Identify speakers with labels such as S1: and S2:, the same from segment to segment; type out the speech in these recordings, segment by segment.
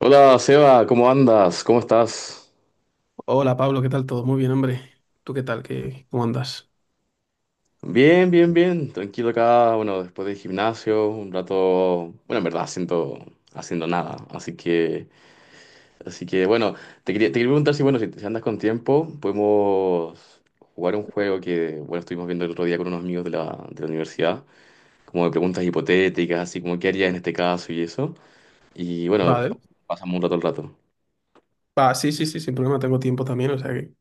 S1: Hola Seba, ¿cómo andas? ¿Cómo estás?
S2: Hola Pablo, ¿qué tal? ¿Todo muy bien, hombre? ¿Tú qué tal? ¿Qué, cómo andas?
S1: Bien, bien. Tranquilo acá, bueno, después del gimnasio, un rato, bueno, en verdad haciendo nada. Así que, bueno, te quería preguntar si, bueno, si, si andas con tiempo, podemos jugar un juego que, bueno, estuvimos viendo el otro día con unos amigos de la universidad, como de preguntas hipotéticas, así como qué harías en este caso y eso. Y bueno,
S2: Vale.
S1: pasamos un rato al rato.
S2: Va, sí, sí, sí, sin problema, tengo tiempo también, o sea que...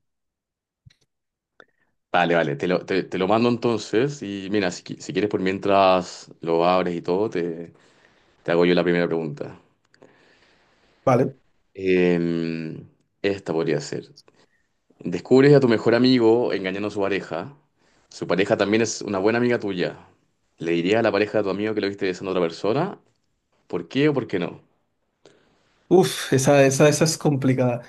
S1: Vale, vale, te lo mando entonces y mira, si, si quieres por mientras lo abres y todo, te hago yo la primera pregunta.
S2: Vale.
S1: Eh, esta podría ser. Descubres a tu mejor amigo engañando a su pareja. Su pareja también es una buena amiga tuya. ¿Le dirías a la pareja de tu amigo que lo viste besando a otra persona? ¿Por qué o por qué no?
S2: Uf, esa es complicada.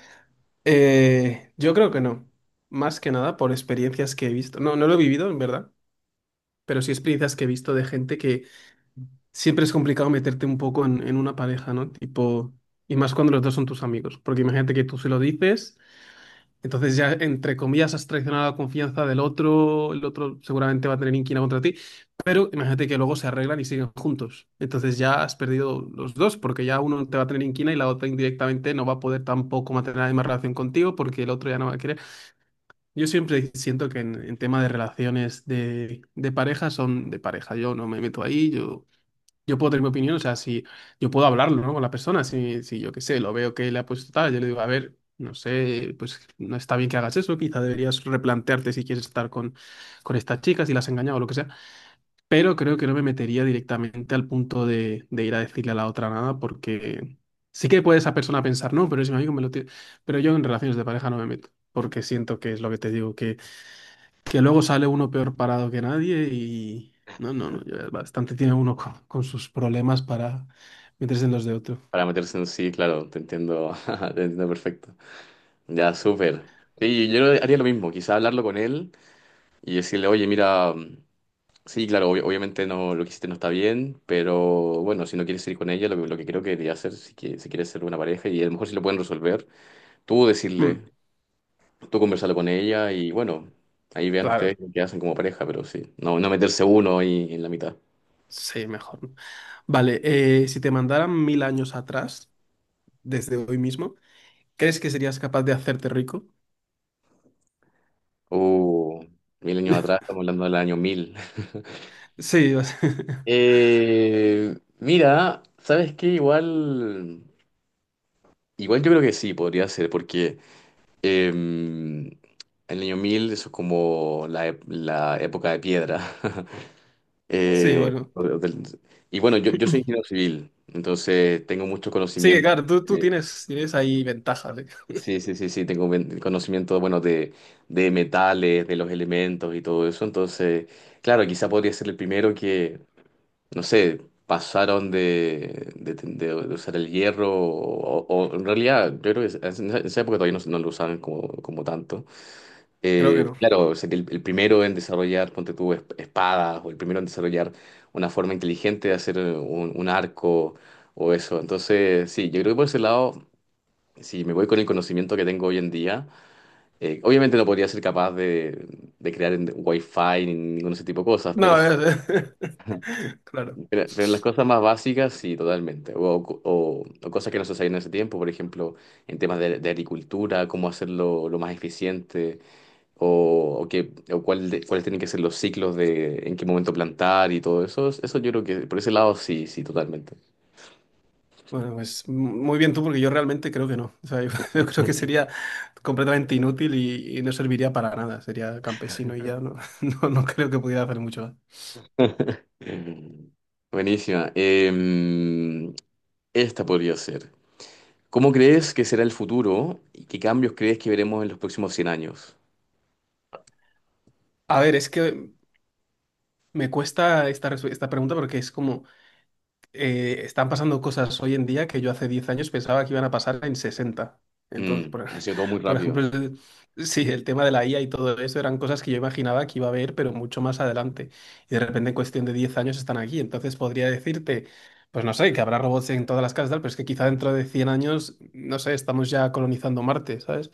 S2: Yo creo que no. Más que nada por experiencias que he visto. No, no lo he vivido, en verdad, pero sí experiencias que he visto de gente que siempre es complicado meterte un poco en una pareja, ¿no? Tipo, y más cuando los dos son tus amigos, porque imagínate que tú se lo dices. Entonces ya, entre comillas, has traicionado la confianza del otro, el otro seguramente va a tener inquina contra ti, pero imagínate que luego se arreglan y siguen juntos. Entonces ya has perdido los dos, porque ya uno te va a tener inquina y la otra indirectamente no va a poder tampoco mantener la misma relación contigo porque el otro ya no va a querer. Yo siempre siento que en tema de relaciones de pareja son de pareja. Yo no me meto ahí, yo puedo tener mi opinión, o sea, si yo puedo hablarlo, ¿no? Con la persona, si yo qué sé, lo veo que le ha puesto tal, yo le digo, a ver, no sé, pues no está bien que hagas eso, quizá deberías replantearte si quieres estar con, estas chicas, si las has engañado o lo que sea, pero creo que no me metería directamente al punto de ir a decirle a la otra nada, porque sí que puede esa persona pensar, no, pero es mi amigo, me lo tiene, pero yo en relaciones de pareja no me meto, porque siento que es lo que te digo, que luego sale uno peor parado que nadie y no, no, no, ya bastante tiene uno con sus problemas para meterse en los de otro.
S1: Para meterse en sí, claro, te entiendo, te entiendo perfecto. Ya, súper. Sí, yo haría lo mismo, quizá hablarlo con él y decirle, oye, mira... Sí, claro, obviamente no, lo que hiciste no está bien, pero bueno, si no quieres ir con ella, lo que creo que debería hacer, si, que, si quieres ser una pareja, y a lo mejor si lo pueden resolver, tú
S2: Mm,
S1: decirle, tú conversarlo con ella y bueno, ahí vean ustedes
S2: claro,
S1: qué hacen como pareja, pero sí, no, no meterse uno ahí en la mitad.
S2: sí, mejor. ¿No? Vale, si te mandaran mil años atrás, desde hoy mismo, ¿crees que serías capaz de hacerte rico?
S1: Uh, mil años atrás, estamos hablando del año mil.
S2: Sí, o sea,
S1: Eh, mira, ¿sabes qué? Igual, igual yo creo que sí, podría ser, porque... Em, el año 1000 eso es como la, la época de piedra.
S2: sí, bueno.
S1: O del- y bueno, yo soy ingeniero civil, entonces tengo mucho
S2: Sí,
S1: conocimiento.
S2: claro, tú
S1: de-
S2: tienes, tienes ahí ventajas, ¿eh?
S1: sí, sí, sí, sí, conocimiento, bueno, de metales, de los elementos y todo eso. Entonces, claro, quizá podría ser el primero que, no sé, pasaron de usar el hierro o, o en realidad, yo creo que en esa época todavía no, no lo usaban como, como tanto.
S2: Creo que no.
S1: Claro, sería el primero en desarrollar, ponte tú, espadas, o el primero en desarrollar una forma inteligente de hacer un arco o eso. Entonces, sí, yo creo que por ese lado, si me voy con el conocimiento que tengo hoy en día, obviamente no podría ser capaz de crear en Wi-Fi ni ningún ese tipo de cosas, pero,
S2: No, es- claro.
S1: pero en las cosas más básicas, sí, totalmente. O, o cosas que no se sabían en ese tiempo, por ejemplo, en temas de agricultura, cómo hacerlo lo más eficiente o, o cuáles tienen que ser los ciclos de en qué momento plantar y todo eso. Eso yo creo que por ese lado sí, sí, totalmente.
S2: Bueno, pues m- muy bien tú, porque yo realmente creo que no. O sea, yo, yo creo que sería completamente inútil y no serviría para nada. Sería campesino y ya no, no, no creo que pudiera hacer mucho más.
S1: Mm. Buenísima. Esta podría ser. ¿Cómo crees que será el futuro y qué cambios crees que veremos en los próximos 100 años?
S2: A ver, es que me cuesta esta, esta pregunta porque es como, están pasando cosas hoy en día que yo hace 10 años pensaba que iban a pasar en sesenta. Entonces,
S1: Sido todo muy
S2: por ejemplo,
S1: rápido.
S2: sí, el tema de la IA y todo eso eran cosas que yo imaginaba que iba a haber, pero mucho más adelante. Y de repente, en cuestión de 10 años, están aquí. Entonces, podría decirte, pues no sé, que habrá robots en todas las casas, tal, pero es que quizá dentro de 100 años, no sé, estamos ya colonizando Marte, ¿sabes?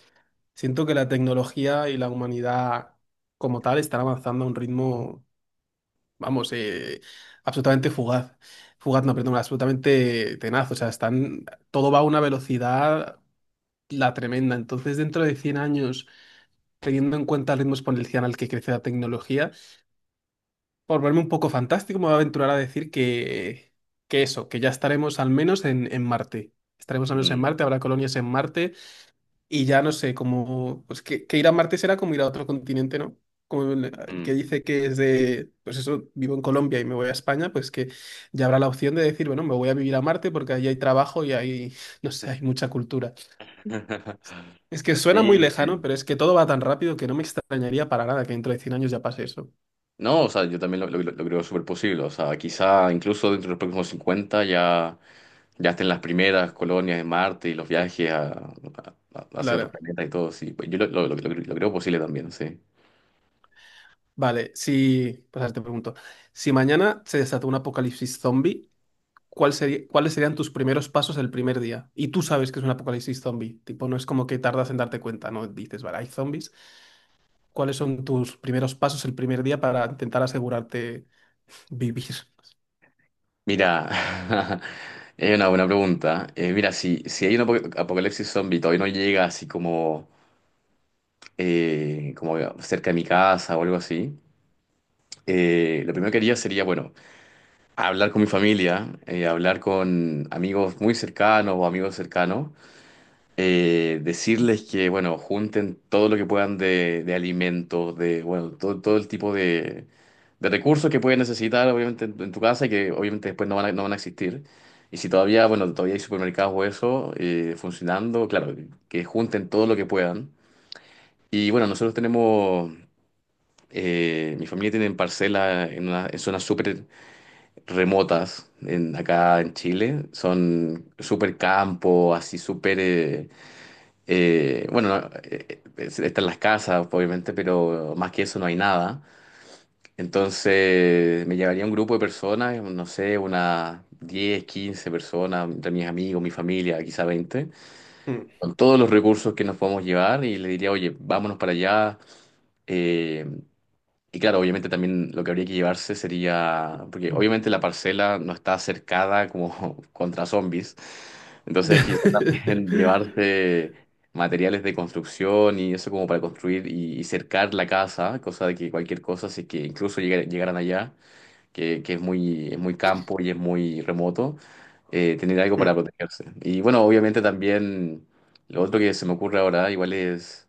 S2: Siento que la tecnología y la humanidad como tal están avanzando a un ritmo, vamos, absolutamente fugaz. Fugaz, no, perdón, absolutamente tenaz. O sea, están, todo va a una velocidad la tremenda. Entonces, dentro de 100 años, teniendo en cuenta el ritmo exponencial al que crece la tecnología, por verme un poco fantástico, me voy a aventurar a decir que eso, que ya estaremos al menos en, Marte. Estaremos al menos en
S1: Mm,
S2: Marte, habrá colonias en Marte y ya no sé, como, pues que ir a Marte será como ir a otro continente, ¿no? Como el que
S1: mm.
S2: dice que es de, pues eso, vivo en Colombia y me voy a España, pues que ya habrá la opción de decir, bueno, me voy a vivir a Marte porque ahí hay trabajo y ahí, no sé, hay mucha cultura. Es que suena muy
S1: Sí, sí.
S2: lejano, pero es que todo va tan rápido que no me extrañaría para nada que dentro de 100 años ya pase eso.
S1: No, o sea, yo también lo creo súper posible. O sea, quizá incluso dentro de los próximos 50 ya, ya estén las primeras colonias de Marte y los viajes hacia otros
S2: Claro.
S1: planetas y todo. Sí, pues yo lo creo posible también, sí.
S2: Vale, si, pues ahora te pregunto, si mañana se desata un apocalipsis zombie, cuáles serían tus primeros pasos el primer día. Y tú sabes que es un apocalipsis zombie. Tipo, no es como que tardas en darte cuenta, ¿no? Dices, vale, hay zombies. ¿Cuáles son tus primeros pasos el primer día para intentar asegurarte vivir?
S1: Mira, es una buena pregunta. Mira, si, si hay un apocalipsis zombie y todavía no llega así como, como cerca de mi casa o algo así, lo primero que haría sería, bueno, hablar con mi familia, hablar con amigos muy cercanos o amigos cercanos decirles que, bueno, junten todo lo que puedan de alimentos, de, bueno, todo, todo el tipo de recursos que pueden necesitar, obviamente, en tu casa y que obviamente después no van a, no van a existir. Y si todavía, bueno, todavía hay supermercados o eso funcionando, claro, que junten todo lo que puedan. Y bueno, nosotros tenemos, mi familia tiene parcelas en, en zonas súper remotas en, acá en Chile. Son súper campo, así súper... bueno, no, están las casas, obviamente, pero más que eso no hay nada. Entonces me llevaría un grupo de personas, no sé, unas 10 15 personas, entre mis amigos, mi familia, quizá 20
S2: Mm.
S1: con todos los recursos que nos podemos llevar y le diría, oye, vámonos para allá. eh, y claro, obviamente también lo que habría que llevarse sería, porque obviamente la parcela no está cercada como contra zombies, entonces quizás también llevarse materiales de construcción y eso como para construir y cercar la casa, cosa de que cualquier cosa, si es que incluso llegaran allá, que es muy campo y es muy remoto, tener algo para
S2: Mm,
S1: protegerse. Y bueno, obviamente también lo otro que se me ocurre ahora igual es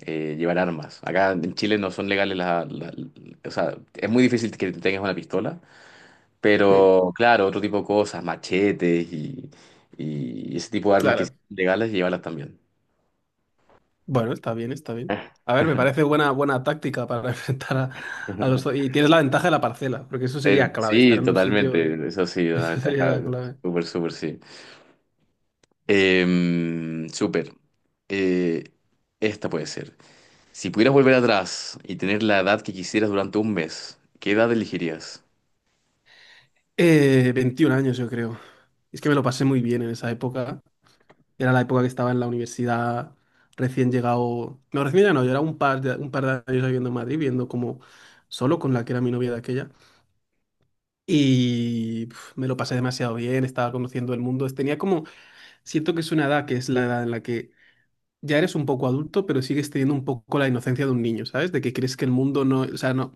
S1: llevar armas. Acá en Chile no son legales las... o sea, es muy difícil que tengas una pistola,
S2: mm,
S1: pero claro, otro tipo de cosas, machetes y ese tipo de armas que sí
S2: claro.
S1: son legales, llevarlas también.
S2: Bueno, está bien, está bien. A ver, me parece buena, buena táctica para enfrentar a los... Y tienes la ventaja de la parcela, porque eso sería clave, estar
S1: Sí,
S2: en un sitio,
S1: totalmente. Eso sí, una
S2: eso sería
S1: ventaja
S2: la clave.
S1: súper, súper, sí. Súper. Eh, esta puede ser. Si pudieras volver atrás y tener la edad que quisieras durante un mes, ¿qué edad elegirías?
S2: 21 años, yo creo. Es que me lo pasé muy bien en esa época. Era la época que estaba en la universidad, recién llegado. No, recién llegado no, yo era un par de años viviendo en Madrid, viendo como solo con la que era mi novia de aquella. Y pf, me lo pasé demasiado bien, estaba conociendo el mundo. Tenía como, siento que es una edad que es la edad en la que ya eres un poco adulto, pero sigues teniendo un poco la inocencia de un niño, ¿sabes? De que crees que el mundo no, o sea, no.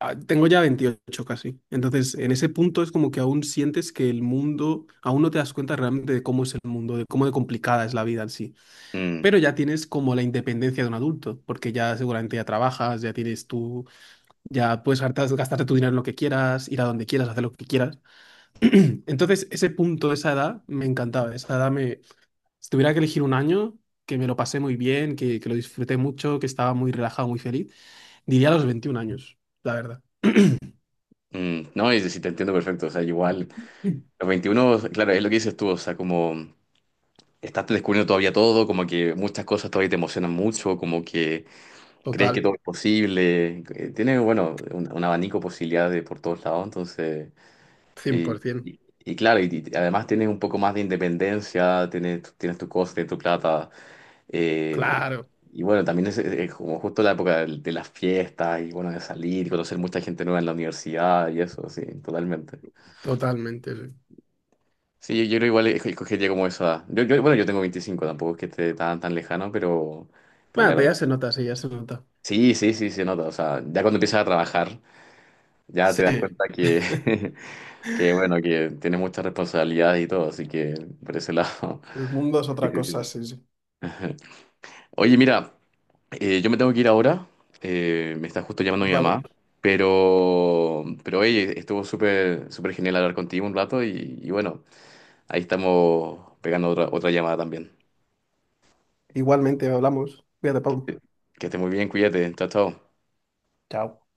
S2: Ah, tengo ya 28 casi. Entonces, en ese punto es como que aún sientes que el mundo, aún no te das cuenta realmente de cómo es el mundo, de cómo de complicada es la vida en sí,
S1: Mm,
S2: pero ya tienes como la independencia de un adulto, porque ya seguramente ya trabajas, ya tienes tú, ya puedes gastarte tu dinero en lo que quieras, ir a donde quieras, hacer lo que quieras. Entonces, ese punto, esa edad, me encantaba. Esa edad me, si tuviera que elegir un año, que me lo pasé muy bien, que lo disfruté mucho, que estaba muy relajado, muy feliz, diría los 21 años, la verdad.
S1: mm. No, y si te entiendo perfecto. O sea, igual.
S2: Mm.
S1: Los 21, claro, es lo que dices tú, o sea, como estás descubriendo todavía todo, como que muchas cosas todavía te emocionan mucho, como que crees que
S2: Total,
S1: todo es posible, tienes, bueno, un abanico de posibilidades por todos lados, entonces, y,
S2: 100%.
S1: y- y claro, y además tienes un poco más de independencia, tienes, tienes tu cosa, tienes tu plata, eh,
S2: Claro,
S1: y bueno, también es como justo la época de las fiestas y bueno, de salir y conocer mucha gente nueva en la universidad y eso, sí, totalmente.
S2: totalmente, sí.
S1: Sí, yo creo igual escogería como esa. Edad. Yo, bueno, yo tengo 25 tampoco es que esté tan, tan lejano, pero
S2: Bueno,
S1: claro.
S2: pero ya se nota, sí, ya se nota.
S1: Sí, sí, sí, se nota. O sea, ya cuando empiezas a trabajar, ya te
S2: Sí,
S1: das cuenta que, que bueno, que tienes muchas responsabilidades y todo, así que por ese lado.
S2: el mundo es otra cosa, sí, sí.
S1: Oye, mira, yo me tengo que ir ahora. Me está justo llamando mi
S2: Vale.
S1: mamá. Pero oye, estuvo súper, súper genial hablar contigo un rato y bueno, ahí estamos pegando otra, otra llamada también.
S2: Igualmente hablamos. Cuídate, Pablo.
S1: Que esté muy bien, cuídate. Chao, chao.
S2: Chao.